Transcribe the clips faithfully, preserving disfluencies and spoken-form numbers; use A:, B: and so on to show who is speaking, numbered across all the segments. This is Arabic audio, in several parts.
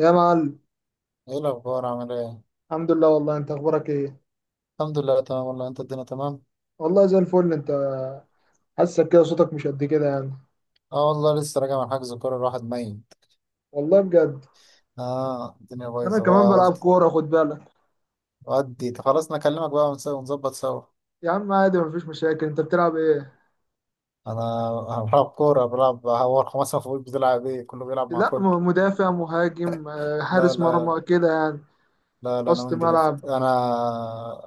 A: يا معلم.
B: ايه الاخبار؟ عامل ايه؟
A: الحمد لله، والله انت اخبارك ايه؟
B: الحمد لله تمام والله. انت الدنيا تمام؟
A: والله زي الفل انت. حاسك كده صوتك مش قد كده يعني.
B: اه والله لسه راجع من حجز كوره، الواحد ميت.
A: والله بجد.
B: اه الدنيا
A: انا
B: بايظه
A: كمان
B: بقى،
A: بلعب
B: قلت
A: كوره، خد بالك.
B: ودي خلاص انا اكلمك بقى ونس- ونظبط سوا.
A: يا عم عادي، مفيش مشاكل. انت بتلعب ايه؟
B: انا أنا بلعب كوره، بلعب هو خمسة فوق، بتلعب ايه؟ كله بيلعب مع
A: لا
B: كله.
A: م- مدافع، مهاجم، آه،
B: لا
A: حارس
B: لا
A: مرمى كده يعني،
B: لا لا انا
A: وسط
B: وينج ليفت،
A: ملعب
B: انا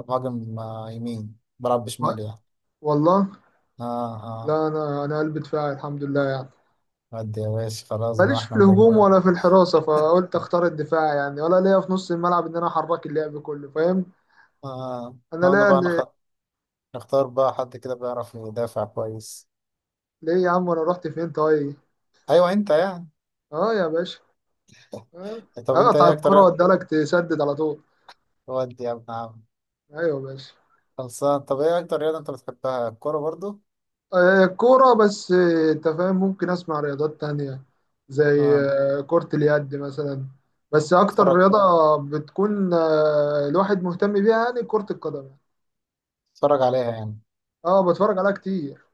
B: مهاجم آه، يمين بلعب
A: و-
B: بشمالي يعني.
A: والله.
B: اه اه
A: لا، انا انا قلب دفاعي الحمد لله يعني.
B: ودي يا باشا، خلاص بقى
A: ماليش في
B: احنا محتاجين.
A: الهجوم ولا في الحراسه، فقلت اختار الدفاع يعني، ولا ليا في نص الملعب ان انا احرك اللعب كله، فاهم.
B: اه احنا قلنا
A: انا
B: بقى نخ...
A: ليا.
B: نختار بقى حد كده بيعرف يدافع كويس.
A: ليه يا عم، انا رحت فين طيب؟
B: ايوه انت يعني،
A: اه يا باشا. آه،
B: طب انت
A: اقطع
B: ايه اكتر؟
A: الكرة واديها لك تسدد على طول.
B: ودي يا ابن عم،
A: ايوه ماشي.
B: خلصان. طب ايه اكتر رياضة انت بتحبها؟ الكورة برضو؟
A: آه، كورة بس. آه، انت فاهم، ممكن اسمع رياضات تانية زي
B: اه،
A: آه، كرة اليد مثلا. بس اكتر
B: اتفرج،
A: رياضة بتكون آه، الواحد مهتم بيها يعني كرة القدم.
B: اتفرج عليها يعني.
A: اه بتفرج عليها كتير.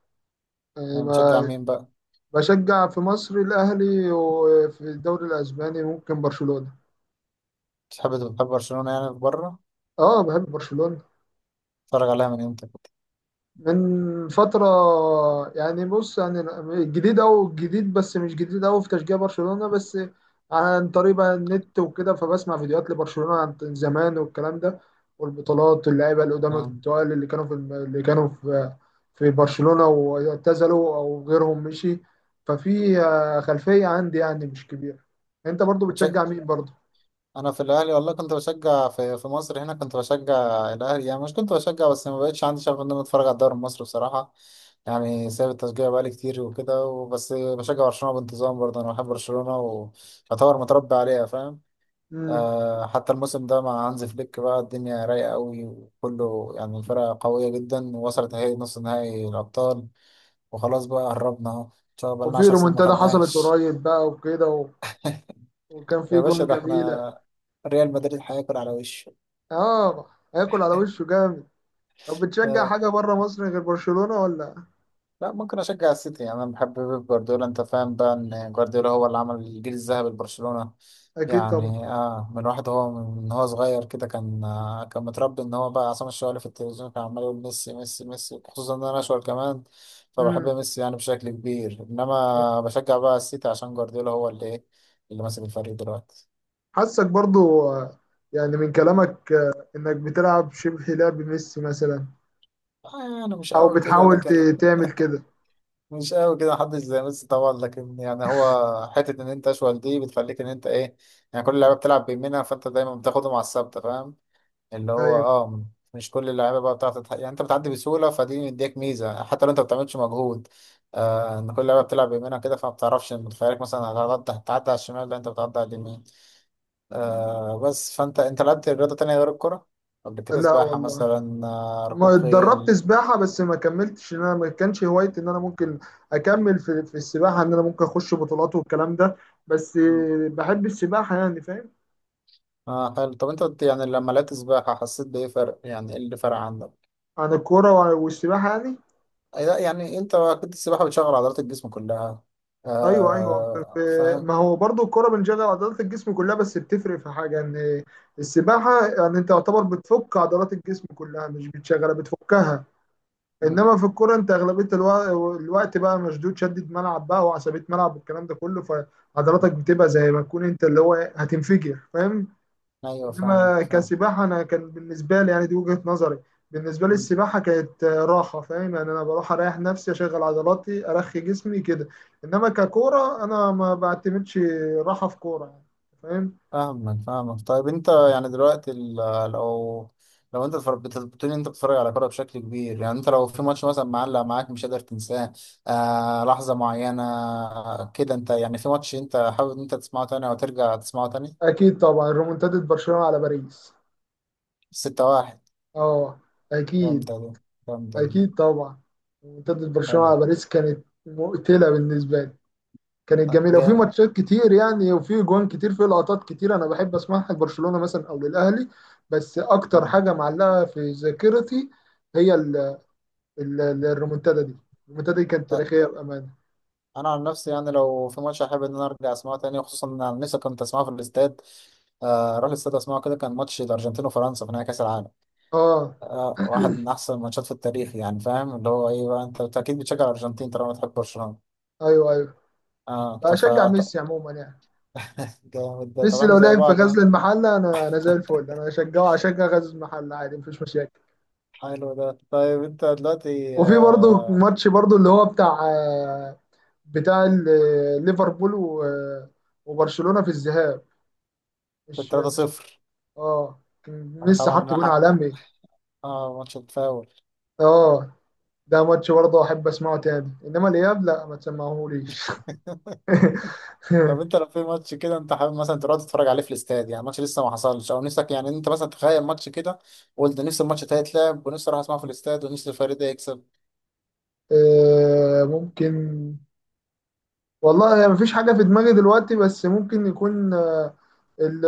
A: يعني
B: يعني بتشجع
A: ما-
B: مين بقى؟
A: بشجع في مصر الاهلي، وفي الدوري الاسباني ممكن برشلونة.
B: بتحب، بتحب برشلونة يعني في بره؟
A: اه بحب برشلونة.
B: اتفرج عليها من امتى كده؟
A: من فترة. يعني بص يعني، الجديد أو الجديد، بس مش جديد أوي في تشجيع برشلونة. بس عن طريق بقى النت وكده، فبسمع فيديوهات لبرشلونة عن زمان والكلام ده والبطولات واللعيبة القدام
B: اه،
A: التقال اللي كانوا في الم- اللي كانوا في في برشلونة واعتزلوا أو غيرهم مشي. ففي آه، خلفية عندي يعني مش كبيرة. أنت برضو
B: بتش-
A: بتشجع مين برضو؟
B: انا في الاهلي والله كنت بشجع، في في مصر هنا كنت بشجع الاهلي يعني، مش كنت بشجع بس ما بقتش عندي شغف ان انا اتفرج على الدوري المصري بصراحة، يعني سايب التشجيع بقالي كتير وكده، وبس بشجع برشلونة بانتظام برضه، انا بحب برشلونة ويعتبر متربي عليها، فاهم؟
A: مم.
B: آه، حتى الموسم ده مع هانز فليك بقى الدنيا رايقة قوي، وكله يعني الفرقة قوية جدا، ووصلت اهي نص نهائي الأبطال، وخلاص بقى قربنا اهو، إن شاء الله بقالنا
A: وفي
B: عشر سنين ما
A: رومنتادا حصلت
B: خدناهاش.
A: قريب بقى وكده و- وكان في
B: يا باشا
A: جون
B: ده
A: جميلة.
B: احنا ريال مدريد هياكل على وشه.
A: اه هياكل على وشه جامد. طب بتشجع
B: آه،
A: حاجة بره مصر غير برشلونة ولا؟
B: لا ممكن اشجع السيتي يعني، انا بحب بيب جوارديولا، انت فاهم بقى ان جوارديولا هو اللي عمل الجيل الذهبي لبرشلونة،
A: أكيد طبعا.
B: يعني اه من واحد، هو من هو صغير كده كان آه كان متربي ان هو بقى عصام الشوالي في التلفزيون كان عمال يقول ميسي ميسي ميسي، خصوصا ان انا اشول كمان، فبحب
A: امم.
B: ميسي يعني بشكل كبير، انما بشجع بقى السيتي عشان جوارديولا هو اللي ايه، اللي ماسك الفريق دلوقتي.
A: حاسك برضو آه، يعني من كلامك آه، إنك بتلعب شبه لعب ميسي مثلا،
B: آه يعني مش
A: أو
B: قوي كده
A: بتحاول
B: لكن،
A: ت- تعمل كده.
B: مش قوي كده، محدش زي ميسي طبعا، لكن يعني هو حتة إن أنت أشول دي بتخليك إن أنت إيه، يعني كل اللعيبة بتلعب بيمينها، فأنت دايما بتاخده مع الثابتة، فاهم؟ اللي هو
A: أيوه.
B: أه، مش كل اللعيبة بقى بتعرف تتح... يعني أنت بتعدي بسهولة، فدي مديك ميزة حتى لو أنت ما بتعملش مجهود. آه إن كل اللعيبة بتلعب بيمينها كده، فما بتعرفش إن متخيلك مثلا هتعدي، هتعدي على الشمال، لا أنت بتعدي على اليمين. آه بس، فأنت أنت لعبت رياضة تانية غير الكرة قبل كده؟
A: لا
B: سباحة
A: والله،
B: مثلا آه،
A: ما
B: ركوب
A: اتدربت
B: خيل؟
A: سباحة، بس ما كملتش، إن أنا ما كانش هوايتي إن أنا ممكن أكمل في, في السباحة، إن أنا ممكن أخش بطولات والكلام ده. بس آه، بحب السباحة يعني فاهم.
B: اه حلو. طب انت قلت يعني لما لقيت سباحة حسيت بإيه فرق؟ يعني ايه اللي فرق عندك؟
A: عن الكورة والسباحة يعني.
B: أي لا، يعني انت اكيد السباحة بتشغل عضلات الجسم كلها،
A: ايوه ايوه ف-
B: آه
A: ف-
B: فاهم.
A: ما هو برضو الكرة بنشغل عضلات الجسم كلها، بس بتفرق في حاجة ان السباحة يعني انت يعتبر بتفك عضلات الجسم كلها، مش بتشغلها بتفكها.
B: مم.
A: انما في الكرة انت اغلبية الو- الوقت بقى مشدود، شدة ملعب بقى وعصبية ملعب والكلام ده كله، فعضلاتك بتبقى زي ما تكون انت اللي هو هتنفجر فاهم.
B: ايوه فاهم
A: انما
B: فاهم.
A: كسباحه انا كان بالنسبه لي، يعني دي وجهه نظري، بالنسبه لي
B: مم.
A: السباحه كانت آه، راحه فاهم. يعني انا بروح اريح نفسي، اشغل عضلاتي، ارخي جسمي كده. انما ككوره انا ما بعتمدش راحه في كوره يعني، فاهم.
B: فاهمك فاهمك. طيب انت يعني دلوقتي ال- لو، لو انت بتفر- بت- بتقول إن انت بتتفرج على كورة بشكل كبير، يعني انت لو في ماتش مثلا معلق معاك مش قادر تنساه، آه لحظة معينة كده، انت يعني في ماتش انت حابب ان انت تسمعه تاني او ترجع تسمعه تاني؟
A: اكيد طبعا، ريمونتادا برشلونه على باريس.
B: ستة واحد،
A: اه. اكيد.
B: جامدة دي، جامدة دي.
A: اكيد طبعا ريمونتادا برشلونه
B: حلو.
A: على باريس كانت مقتله بالنسبه لي. كانت
B: لا،
A: جميله، وفي
B: جامد.
A: ماتشات كتير يعني، وفي جوان كتير، في لقطات كتير انا بحب اسمعها لبرشلونه مثلا او للاهلي. بس اكتر
B: آه.
A: حاجه معلقه في ذاكرتي هي ال- ال- ال- الريمونتادا دي. الريمونتادا دي كانت
B: ط-
A: تاريخيه بامانه.
B: انا عن نفسي يعني لو في ماتش احب ان انا ارجع اسمعه تاني، خصوصا ان انا لسه كنت اسمعه في الاستاد. آه، اروح الاستاد اسمعه كده، كان ماتش الارجنتين وفرنسا في نهائي كاس العالم،
A: اه.
B: آه، واحد من احسن الماتشات في التاريخ يعني، فاهم اللي هو ايه بقى. انت أنت اكيد بتشجع الارجنتين طالما بتحب برشلونه.
A: ايوه ايوه
B: اه طب
A: اشجع
B: فا- ط-
A: ميسي عموما يعني.
B: جامد ده. طب
A: ميسي
B: احنا
A: لو
B: زي
A: لعب في
B: بعض
A: غزل
B: آه.
A: المحله، انا انا زي الفل انا اشجعه، اشجع غزل المحله عادي، مفيش مشاكل.
B: حلو ده. طيب انت دلوقتي
A: وفي برضه
B: آه،
A: ماتش برضه اللي هو بتاع آه، بتاع ال- ليفربول و- وبرشلونه في الذهاب.
B: في
A: مش
B: ثلاثة صفر.
A: اه، كان ميسي
B: طبعا
A: حط
B: انا
A: جون
B: حق،
A: عالمي.
B: اه ماتش التفاول.
A: اه، ده ماتش برضه احب اسمعه تاني، انما الاياب لا ما تسمعهوليش.
B: طب انت لو في ماتش كده انت حابب مثلا تروح تتفرج عليه في الاستاد يعني، ماتش لسه ما حصلش، او نفسك يعني انت مثلا تخيل ماتش كده وقلت نفسي الماتش ده يتلعب ونفسي اروح اسمعه في الاستاد ونفسي الفريق ده يكسب.
A: آه، ممكن. والله ما فيش حاجه في دماغي دلوقتي، بس ممكن يكون آه، ال-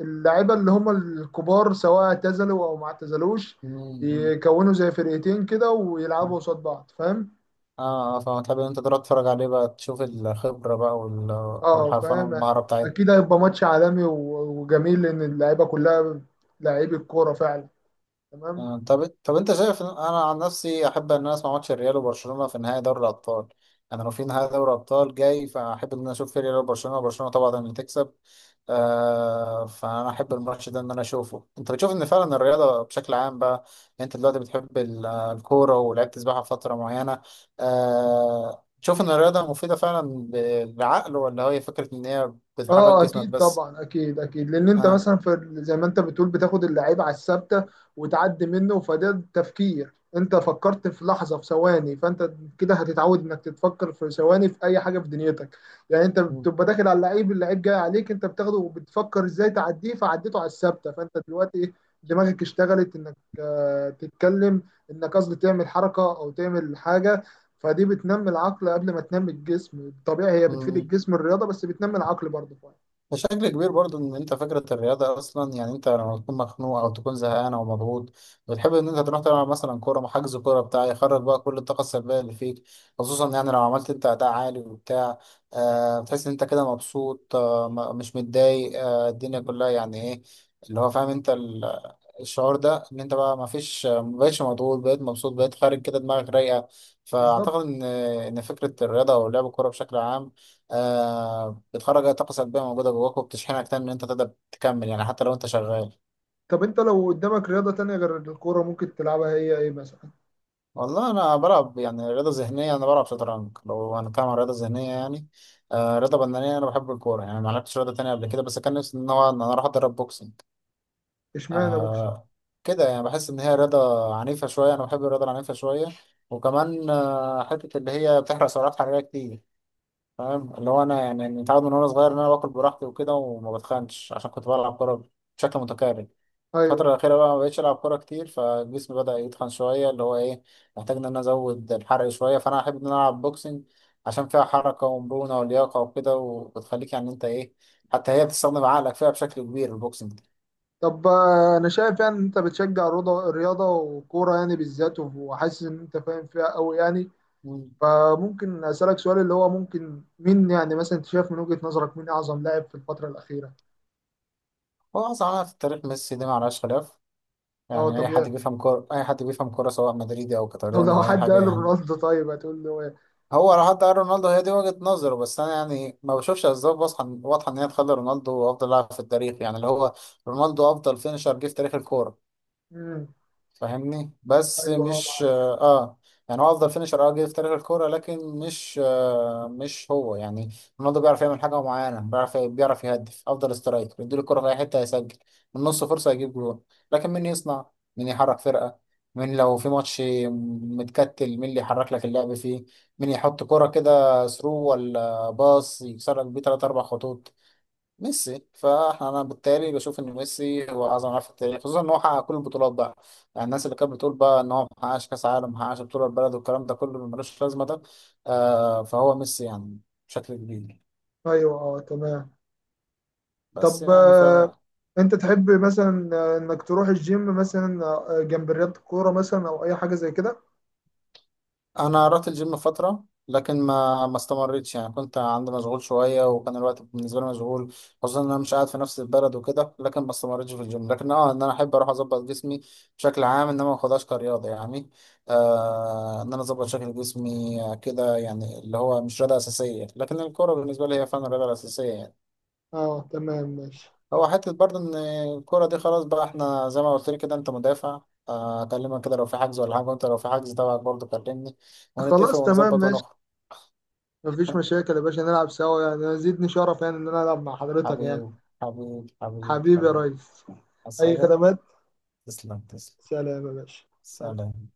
A: اللعيبه اللي هم الكبار سواء اعتزلوا او ما اعتزلوش
B: مم.
A: يكونوا زي فرقتين كده ويلعبوا قصاد بعض، فاهم.
B: اه اه فما تحب ان انت تروح تتفرج عليه بقى، تشوف الخبرة بقى وال-
A: اه
B: والحرفنة
A: فاهم.
B: والمهارة بتاعتهم.
A: اكيد هيبقى ماتش عالمي و- وجميل، لان اللعيبه كلها لعيبه كوره فعلا. تمام.
B: آه، طب طب انت شايف إن- انا عن نفسي احب ان انا اسمع ماتش الريال وبرشلونه في نهائي دوري الابطال، انا لو في نهائي دوري الابطال جاي فاحب ان انا اشوف في ريال وبرشلونه، وبرشلونه طبعا اللي تكسب، آه فانا احب الماتش ده ان انا اشوفه. انت بتشوف ان فعلا الرياضه بشكل عام بقى، يعني انت دلوقتي بتحب ال- الكوره ولعبت سباحه فتره معينه، آه تشوف ان الرياضه مفيده فعلا ب- للعقل، ولا هي فكره ان هي بتحرك
A: اه
B: جسمك
A: اكيد
B: بس؟
A: طبعا، اكيد اكيد، لان انت
B: اه.
A: مثلا في زي ما انت بتقول بتاخد اللعيب على الثابته وتعدي منه، فده تفكير، انت فكرت في لحظه في ثواني، فانت كده هتتعود انك تتفكر في ثواني في اي حاجه في دنيتك. يعني انت بتبقى داخل على اللعيب، اللعيب جاي عليك انت بتاخده وبتفكر ازاي تعديه فعديته على الثابته، فانت دلوقتي إيه، دماغك اشتغلت انك آه، تتكلم، انك قصدي تعمل حركه او تعمل حاجه. فدي بتنمي العقل قبل ما تنمي الجسم. طبيعي هي بتفيد
B: مم.
A: الجسم الرياضه، بس بتنمي العقل برضه.
B: بشكل كبير برضو، ان انت فكرة الرياضة اصلا يعني، انت لما تكون مخنوق او تكون زهقان او مضغوط، بتحب ان انت تروح تلعب مثلا كورة، حجز كورة بتاع، يخرج بقى كل الطاقة السلبية اللي فيك، خصوصا يعني لو عملت انت اداء عالي وبتاع، آه بتحس ان انت كده مبسوط، آه م- مش متضايق، آه الدنيا كلها يعني ايه، اللي هو فاهم انت ال- الشعور ده ان انت بقى ما فيش، مبقتش مضغوط، بقيت مبسوط، بقيت خارج كده دماغك رايقة.
A: بالظبط.
B: فاعتقد ان ان فكرة الرياضة او لعب الكورة بشكل عام آه، بتخرج اي طاقه سلبيه موجوده جواك وبتشحنك تاني ان انت تقدر تكمل يعني، حتى لو انت شغال.
A: طب انت لو قدامك رياضة تانية غير الكورة ممكن تلعبها، هي ايه مثلا؟
B: والله انا بلعب يعني رياضه ذهنيه، انا بلعب شطرنج لو هنتكلم عن رياضه ذهنيه يعني، آه رياضه بدنيه انا بحب الكوره يعني، ما لعبتش رياضه تانية قبل كده، بس كان نفسي ان هو ان انا اروح اتدرب بوكسنج.
A: اشمعنى بوكس.
B: آه كده يعني، بحس ان هي رياضه عنيفه شويه، انا بحب الرياضه العنيفه شويه، وكمان آه حته اللي هي بتحرق سعرات حراريه كتير، فاهم اللي هو انا يعني متعود من وانا صغير ان انا باكل براحتي وكده وما بتخنش عشان كنت بلعب كوره بشكل متكرر. الفترة
A: ايوه.
B: الأخيرة بقى ما بقتش ألعب كورة كتير، فالجسم بدأ يتخن شوية، اللي هو إيه، محتاج إن أنا أزود الحرق شوية، فأنا أحب إن أنا ألعب بوكسنج عشان فيها حركة ومرونة ولياقة وكده، وبتخليك يعني أنت إيه، حتى هي بتستخدم عقلك فيها بشكل كبير البوكسنج ده.
A: طب آه، انا شايف يعني ان انت بتشجع رضا- الرياضة وكورة يعني بالذات، وحاسس ان انت فاهم فيها قوي يعني.
B: مم.
A: فممكن اسألك سؤال اللي هو، ممكن مين يعني مثلا انت شايف من وجهة نظرك مين اعظم لاعب في الفترة الأخيرة؟
B: هو أصلا أنا في التاريخ ميسي دي معلهاش خلاف،
A: اه
B: يعني أي حد
A: طبيعي.
B: بيفهم كورة، أي حد بيفهم كورة سواء مدريدي أو
A: طب
B: كاتالوني
A: لو
B: أو أي
A: حد
B: حاجة
A: قال
B: يعني.
A: رونالدو طيب هتقول له ايه؟
B: هو لو حد قال رونالدو هي دي وجهة نظره، بس أنا يعني ما بشوفش أسباب واضحة واضحة إن هي تخلي رونالدو أفضل لاعب في التاريخ، يعني اللي هو رونالدو أفضل فينشر جه في تاريخ الكورة،
A: امم.
B: فاهمني؟ بس
A: ايوه اه
B: مش
A: معاه.
B: اه آه. يعني هو افضل فينشر اه جه في تاريخ الكوره، لكن مش آه مش هو يعني، رونالدو بيعرف يعمل حاجه معينه، بيعرف بيعرف يهدف، افضل سترايكر، يديله الكوره في اي حته هيسجل، من نص فرصه يجيب جول. لكن مين يصنع؟ مين يحرك فرقه؟ مين لو في ماتش متكتل مين اللي يحرك لك اللعب فيه؟ مين يحط كوره كده ثرو ولا باص يكسر لك بيه تلات اربع خطوط؟ ميسي. فانا بالتالي بشوف ان ميسي هو اعظم لاعب في التاريخ، خصوصا ان هو حقق كل البطولات بقى، يعني الناس اللي كانت بتقول بقى ان هو ما حققش كاس عالم، ما حققش بطوله البلد، والكلام ده كله ملوش لازمه ده. آه فهو ميسي يعني، بشكل كبير.
A: ايوه اه تمام.
B: بس
A: طب
B: يعني
A: آه، انت تحب مثلا آه، انك تروح الجيم مثلا آه، جنب رياضة الكورة مثلا او اي حاجة زي كده؟
B: انا رحت الجيم فتره لكن ما ما استمرتش يعني، كنت عندي مشغول شويه وكان الوقت بالنسبه لي مشغول، خصوصا ان انا مش قاعد في نفس البلد وكده، لكن ما استمرتش في الجيم، لكن اه ان انا احب اروح اظبط جسمي بشكل عام، انما ما اخدهاش كرياضه يعني، آه ان انا اظبط شكل جسمي آه، كده يعني، اللي هو مش رياضه اساسيه، لكن الكوره بالنسبه لي هي فعلا الرياضه الاساسيه يعني.
A: اه تمام ماشي.
B: هو حته برضه ان الكوره دي خلاص بقى، احنا زي ما قلت لي كده انت مدافع، آه اكلمك كده لو في حجز، ولا حاجه وانت لو في حجز تبعك برضه كلمني،
A: خلاص
B: ونتفق
A: تمام
B: ونظبط
A: ماشي،
B: ونخرج.
A: مفيش مشاكل يا باشا، نلعب سوا يعني، أنا زيدني شرف يعني ان انا العب مع حضرتك يعني.
B: حبيب حبيب حبيب
A: حبيبي يا
B: حبيب
A: ريس. اي
B: عصاية.
A: خدمات.
B: تسلم تسلم.
A: سلام يا باشا. سلام.
B: سلام.